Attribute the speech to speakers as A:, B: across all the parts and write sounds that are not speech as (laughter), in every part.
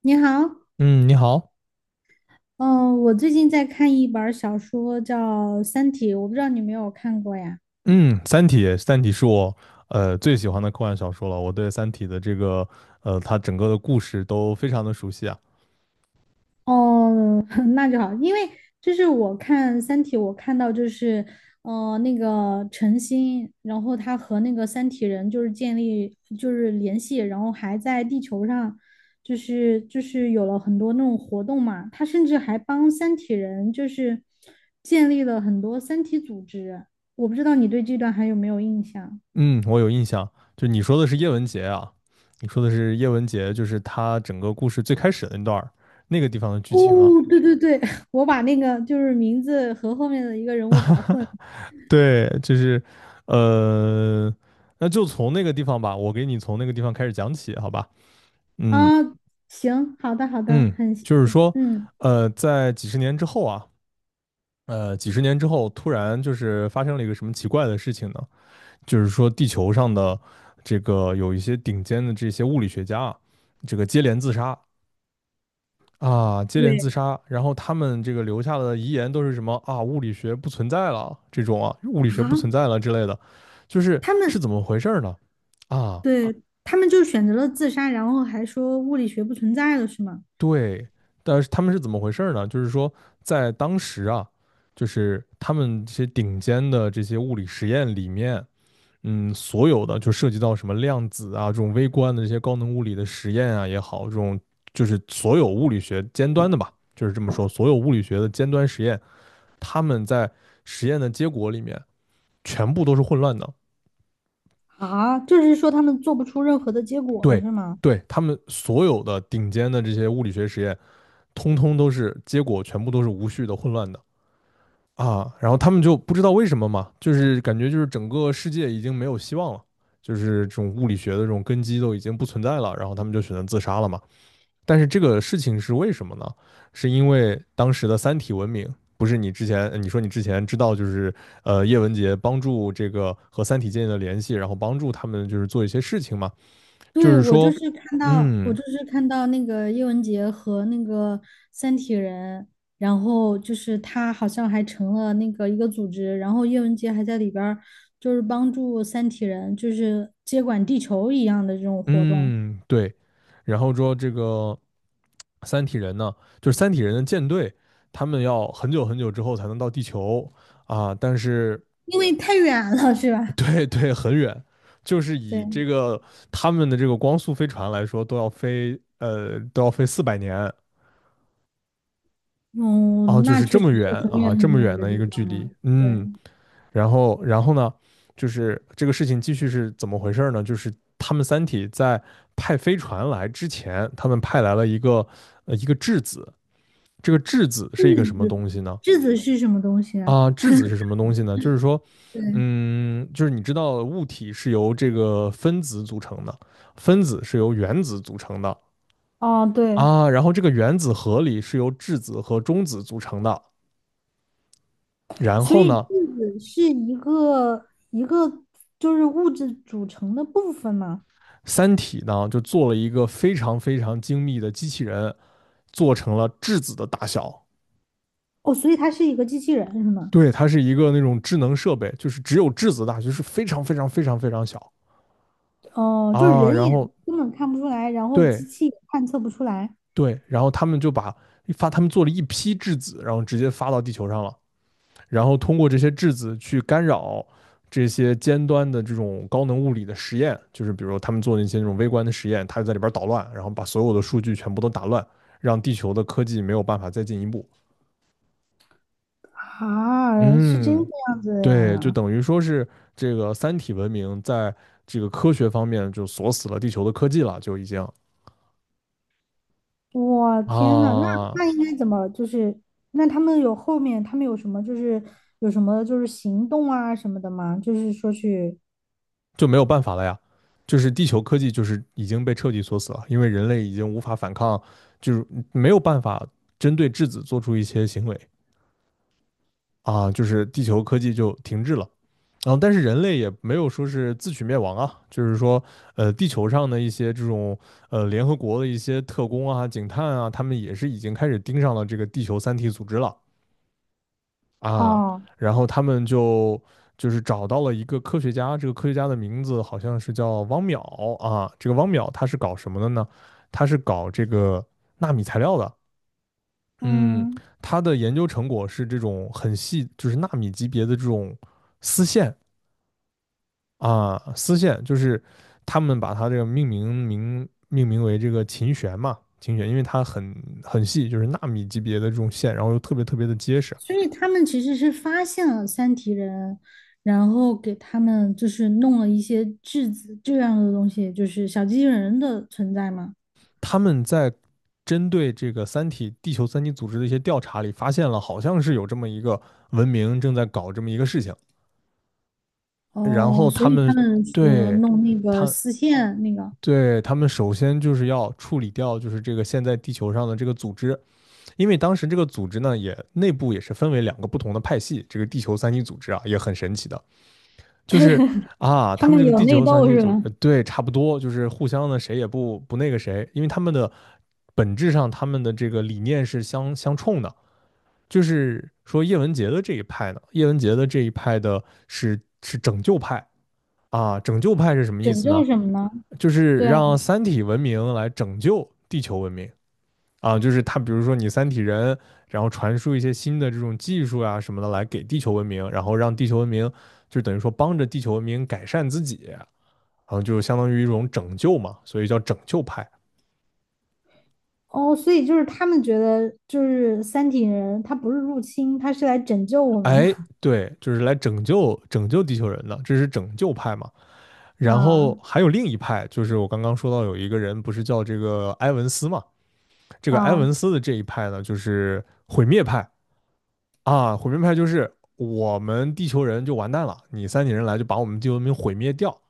A: 你好。
B: 嗯，你好。
A: 嗯，我最近在看一本儿小说，叫《三体》，我不知道你有没有看过呀？
B: 嗯，《三体》是我最喜欢的科幻小说了。我对《三体》的它整个的故事都非常的熟悉啊。
A: 哦，(laughs) 那就好。因为我看《三体》，我看到那个陈星，然后他和那个三体人建立联系，然后还在地球上，就是有了很多那种活动嘛，他甚至还帮三体人建立了很多三体组织。我不知道你对这段还有没有印象？
B: 嗯，我有印象。就你说的是叶文洁，就是他整个故事最开始的那段儿那个地方的剧情啊。
A: 哦，对对对，(laughs) 我把那个就是名字和后面的一个人物搞混
B: 对，呃，那就从那个地方吧，我给你从那个地方开始讲起，好吧？
A: 啊。
B: 嗯
A: 行，好的好的，
B: 嗯，
A: 很谢
B: 就是
A: 谢。
B: 说。
A: 嗯，
B: 在几十年之后啊，几十年之后，突然就是发生了一个什么奇怪的事情呢？就是说，地球上的这个有一些顶尖的这些物理学家啊，这个接连自杀啊，接
A: 对
B: 连自杀，然后他们这个留下的遗言都是什么啊？物理学不存在了，这种啊，物理
A: 啊，
B: 学不存在了之类的，就是
A: 他们
B: 怎么回事儿呢？啊，
A: 对他们就选择了自杀，然后还说物理学不存在了，是吗？
B: 对，但是他们是怎么回事儿呢？就是说，在当时啊，就是他们这些顶尖的这些物理实验里面。嗯，所有的就涉及到什么量子啊，这种微观的这些高能物理的实验啊也好，这种就是所有物理学尖端的吧，就是这么说，所有物理学的尖端实验，他们在实验的结果里面全部都是混乱的。
A: 啊，就是说他们做不出任何的结果了，
B: 对，
A: 是吗？
B: 对，他们所有的顶尖的这些物理学实验，通通都是结果全部都是无序的、混乱的。啊，然后他们就不知道为什么嘛，就是感觉就是整个世界已经没有希望了，就是这种物理学的这种根基都已经不存在了，然后他们就选择自杀了嘛。但是这个事情是为什么呢？是因为当时的三体文明，不是你之前你说你之前知道就是叶文洁帮助这个和三体建立了联系，然后帮助他们就是做一些事情嘛，就
A: 对，
B: 是说，
A: 我
B: 嗯
A: 就是看到那个叶文洁和那个三体人，然后就是他好像还成了那个一个组织，然后叶文洁还在里边儿就是帮助三体人，就是接管地球一样的这种活动。
B: 嗯对，然后说这个三体人呢，就是三体人的舰队，他们要很久很久之后才能到地球啊，但是
A: 因为太远了，是吧？
B: 对对，很远，就是以这
A: 对，
B: 个他们的这个光速飞船来说，都要飞400年啊，
A: 嗯，
B: 就
A: 那
B: 是这
A: 确实
B: 么远
A: 是很
B: 啊，
A: 远
B: 这
A: 很
B: 么
A: 远
B: 远
A: 的
B: 的
A: 地
B: 一个距
A: 方
B: 离，
A: 了。对，
B: 嗯，然后呢，就是这个事情继续是怎么回事呢？就是他们三体在派飞船来之前，他们派来了一个质子，这个质子是一个什么东西呢？
A: 质子是什么东西啊？
B: 啊，质子是什么东西呢？就是说，
A: 对，
B: 嗯，就是你知道物体是由这个分子组成的，分子是由原子组成的
A: 哦，对。
B: 啊，然后这个原子核里是由质子和中子组成的，然
A: 所
B: 后
A: 以质
B: 呢，
A: 子是一个一个就是物质组成的部分嘛。
B: 三体呢就做了一个非常非常精密的机器人，做成了质子的大小，
A: 哦，所以它是一个机器人是吗？
B: 对，它是一个那种智能设备，就是只有质子大，就是非常非常非常非常小
A: 哦，就是
B: 啊，
A: 人
B: 然
A: 眼
B: 后
A: 根本看不出来，然后
B: 对，
A: 机器也探测不出来
B: 对，然后他们就把他们做了一批质子，然后直接发到地球上了，然后通过这些质子去干扰这些尖端的这种高能物理的实验，就是比如说他们做那些那种微观的实验，他就在里边捣乱，然后把所有的数据全部都打乱，让地球的科技没有办法再进一步。
A: 啊，是这个
B: 嗯，
A: 样子的
B: 对，就
A: 呀。
B: 等于说是这个三体文明在这个科学方面就锁死了地球的科技了，就已经
A: 我天呐，
B: 啊，
A: 那应该怎么就是？那他们有什么就是有什么就是行动啊什么的吗？就是说去
B: 就没有办法了呀。就是地球科技就是已经被彻底锁死了，因为人类已经无法反抗，就是没有办法针对质子做出一些行为啊，就是地球科技就停滞了。然后，但是人类也没有说是自取灭亡啊，就是说，地球上的一些这种联合国的一些特工啊、警探啊，他们也是已经开始盯上了这个地球三体组织了。啊，
A: 哦。
B: 然后他们就找到了一个科学家，这个科学家的名字好像是叫汪淼啊。这个汪淼他是搞什么的呢？他是搞这个纳米材料的。嗯，
A: 嗯，
B: 他的研究成果是这种很细，就是纳米级别的这种丝线啊，丝线就是他们把它这个命名为这个琴弦嘛，琴弦，因为它很细，就是纳米级别的这种线，然后又特别特别的结实。
A: 所以他们其实是发现了三体人，然后给他们就是弄了一些质子这样的东西，就是小机器人的存在嘛。
B: 他们在针对这个地球三体组织的一些调查里，发现了好像是有这么一个文明正在搞这么一个事情，然
A: 哦，
B: 后
A: 所
B: 他
A: 以他
B: 们
A: 们说
B: 对
A: 弄那个
B: 他
A: 丝线那个，
B: 对他们首先就是要处理掉就是这个现在地球上的这个组织，因为当时这个组织呢也内部也是分为两个不同的派系，这个地球三体组织啊也很神奇的，就是啊，
A: 他
B: 他们这
A: 们
B: 个
A: 有
B: 地
A: 内
B: 球三
A: 斗
B: 体
A: 是
B: 组织，
A: 吧？
B: 对，差不多，就是互相的谁也不那个谁，因为他们的本质上他们的这个理念是相冲的。就是说叶文洁的这一派呢，叶文洁的这一派的是拯救派啊，拯救派是什么意
A: 拯
B: 思呢？
A: 救什么呢？
B: 就是
A: 对啊，
B: 让三体文明来拯救地球文明。啊，就是他，比如说你三体人，然后传输一些新的这种技术啊什么的来给地球文明，然后让地球文明就等于说帮着地球文明改善自己，然后就相当于一种拯救嘛，所以叫拯救派。
A: 哦，所以就是他们觉得就是三体人，他不是入侵，他是来拯救我们的
B: 哎，对，就是来拯救拯救地球人的，这是拯救派嘛。
A: (laughs)
B: 然
A: 啊
B: 后还有另一派，就是我刚刚说到有一个人不是叫这个埃文斯嘛，这个埃
A: 啊。
B: 文斯的这一派呢，就是毁灭派。啊，毁灭派就是我们地球人就完蛋了，你三体人来就把我们地球文明毁灭掉，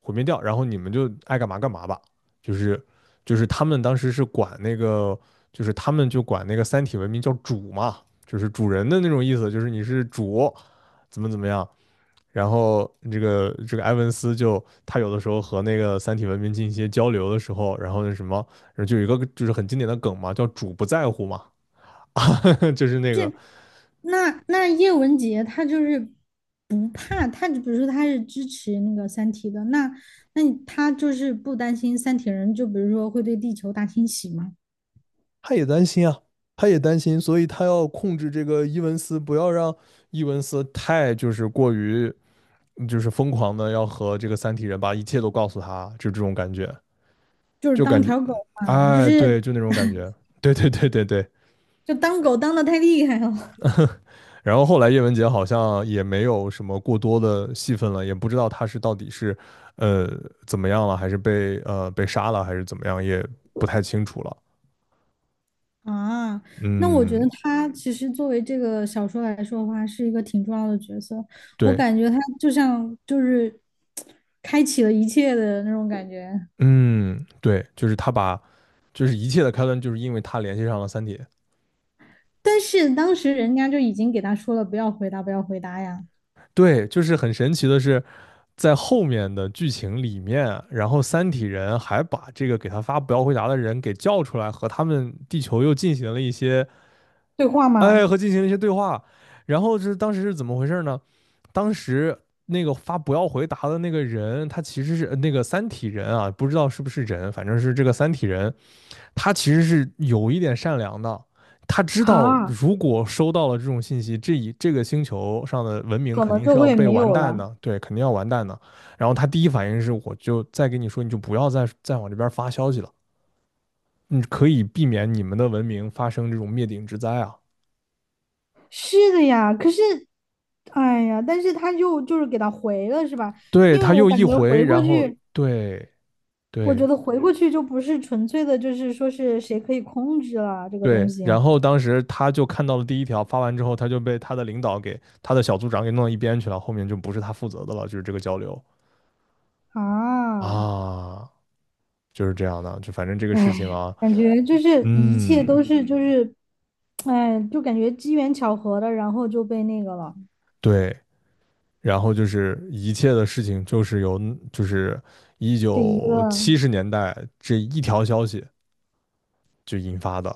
B: 毁灭掉，然后你们就爱干嘛干嘛吧。就是就是他们当时是管那个，就是他们就管那个三体文明叫主嘛，就是主人的那种意思，就是你是主，怎么怎么样。然后这个埃文斯就他有的时候和那个三体文明进行一些交流的时候，然后那什么，然后就有一个就是很经典的梗嘛，叫主不在乎嘛，(laughs) 就是那个
A: 那叶文洁她就是不怕，她就比如说她是支持那个《三体》的，那她就是不担心三体人，就比如说会对地球大清洗吗？
B: 他也担心啊，他也担心，所以他要控制这个伊文斯，不要让伊文斯太就是过于就是疯狂的要和这个三体人把一切都告诉他，就这种感觉，
A: 就是
B: 就
A: 当
B: 感觉，
A: 条狗嘛，
B: 哎，对，就那种感觉，(laughs) 对对对对对。
A: 就当狗当的太厉害了 (laughs)
B: 然后后来叶文洁好像也没有什么过多的戏份了，也不知道他是到底是呃怎么样，了。还是被杀怎么也不太清楚。
A: 啊，那我觉得
B: 嗯，
A: 她其实作为这个小说来说的话，是一个挺重要的角色。我
B: 对。
A: 感觉她就像就是开启了一切的那种感觉。
B: 嗯，对，就是他把，就是一切的开端，就是因为他联系上了三体。
A: 但是当时人家就已经给她说了，不要回答，不要回答呀。
B: 对，就是很神奇的是，在后面的剧情里面，然后三体人还把这个给他发不要回答的人给叫出来，和他们地球又进行了一些，
A: 对话
B: 哎，
A: 吗？
B: 和进行了一些对话。然后是当时是怎么回事呢？当时那个发不要回答的那个人，他其实是那个三体人啊，不知道是不是人，反正是这个三体人，他其实是有一点善良的，他知道
A: 啊，
B: 如果收到了这种信息，这个星球上的文明
A: 可
B: 肯
A: 能
B: 定
A: 就
B: 是要
A: 会
B: 被
A: 没
B: 完
A: 有
B: 蛋
A: 了。
B: 的，对，肯定要完蛋的。然后他第一反应是，我就再跟你说，你就不要再往这边发消息了，你可以避免你们的文明发生这种灭顶之灾啊。
A: 是的呀，可是，哎呀，但是他就是给他回了，是吧？
B: 对，
A: 因为
B: 他
A: 我
B: 又一
A: 感觉
B: 回，
A: 回过
B: 然后
A: 去，
B: 对对
A: 就不是纯粹的，就是说是谁可以控制了这个东
B: 对，
A: 西
B: 然后当时他就看到了第一条，发完之后他就被他的领导给他的小组长给弄到一边去了，后面就不是他负责的了，就是这个交流
A: 啊。
B: 啊。就是这样的，就反正这个
A: 哎
B: 事情
A: 呀，
B: 啊，
A: 感觉就是一
B: 嗯，
A: 切都是就是，哎，就感觉机缘巧合的，然后就被那个了，
B: 对，然后就是一切的事情就是由就是一
A: 这一个。
B: 九七十年代这一条消息就引发的，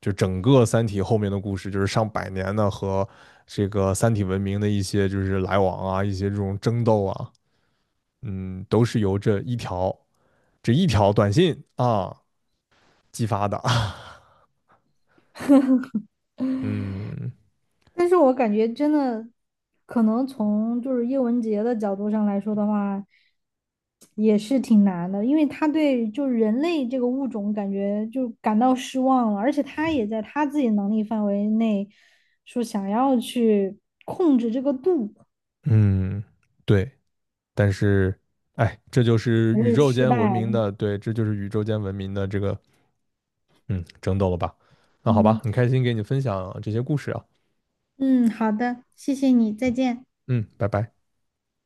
B: 就整个《三体》后面的故事就是上百年的和这个三体文明的一些就是来往啊，一些这种争斗啊，嗯，都是由这一条短信啊激发的，嗯
A: 但是我感觉真的，可能从就是叶文洁的角度上来说的话，也是挺难的，因为他对就人类这个物种感觉就感到失望了，而且他也在他自己能力范围内说想要去控制这个度，
B: 嗯，对，但是，哎，这就是
A: 还
B: 宇
A: 是
B: 宙
A: 失
B: 间文
A: 败
B: 明
A: 了。
B: 的，对，这就是宇宙间文明的这个，嗯，争斗了吧？那好吧，
A: 嗯，
B: 很开心给你分享这些故事啊，
A: 嗯，好的，谢谢你，再见。
B: 嗯，拜拜。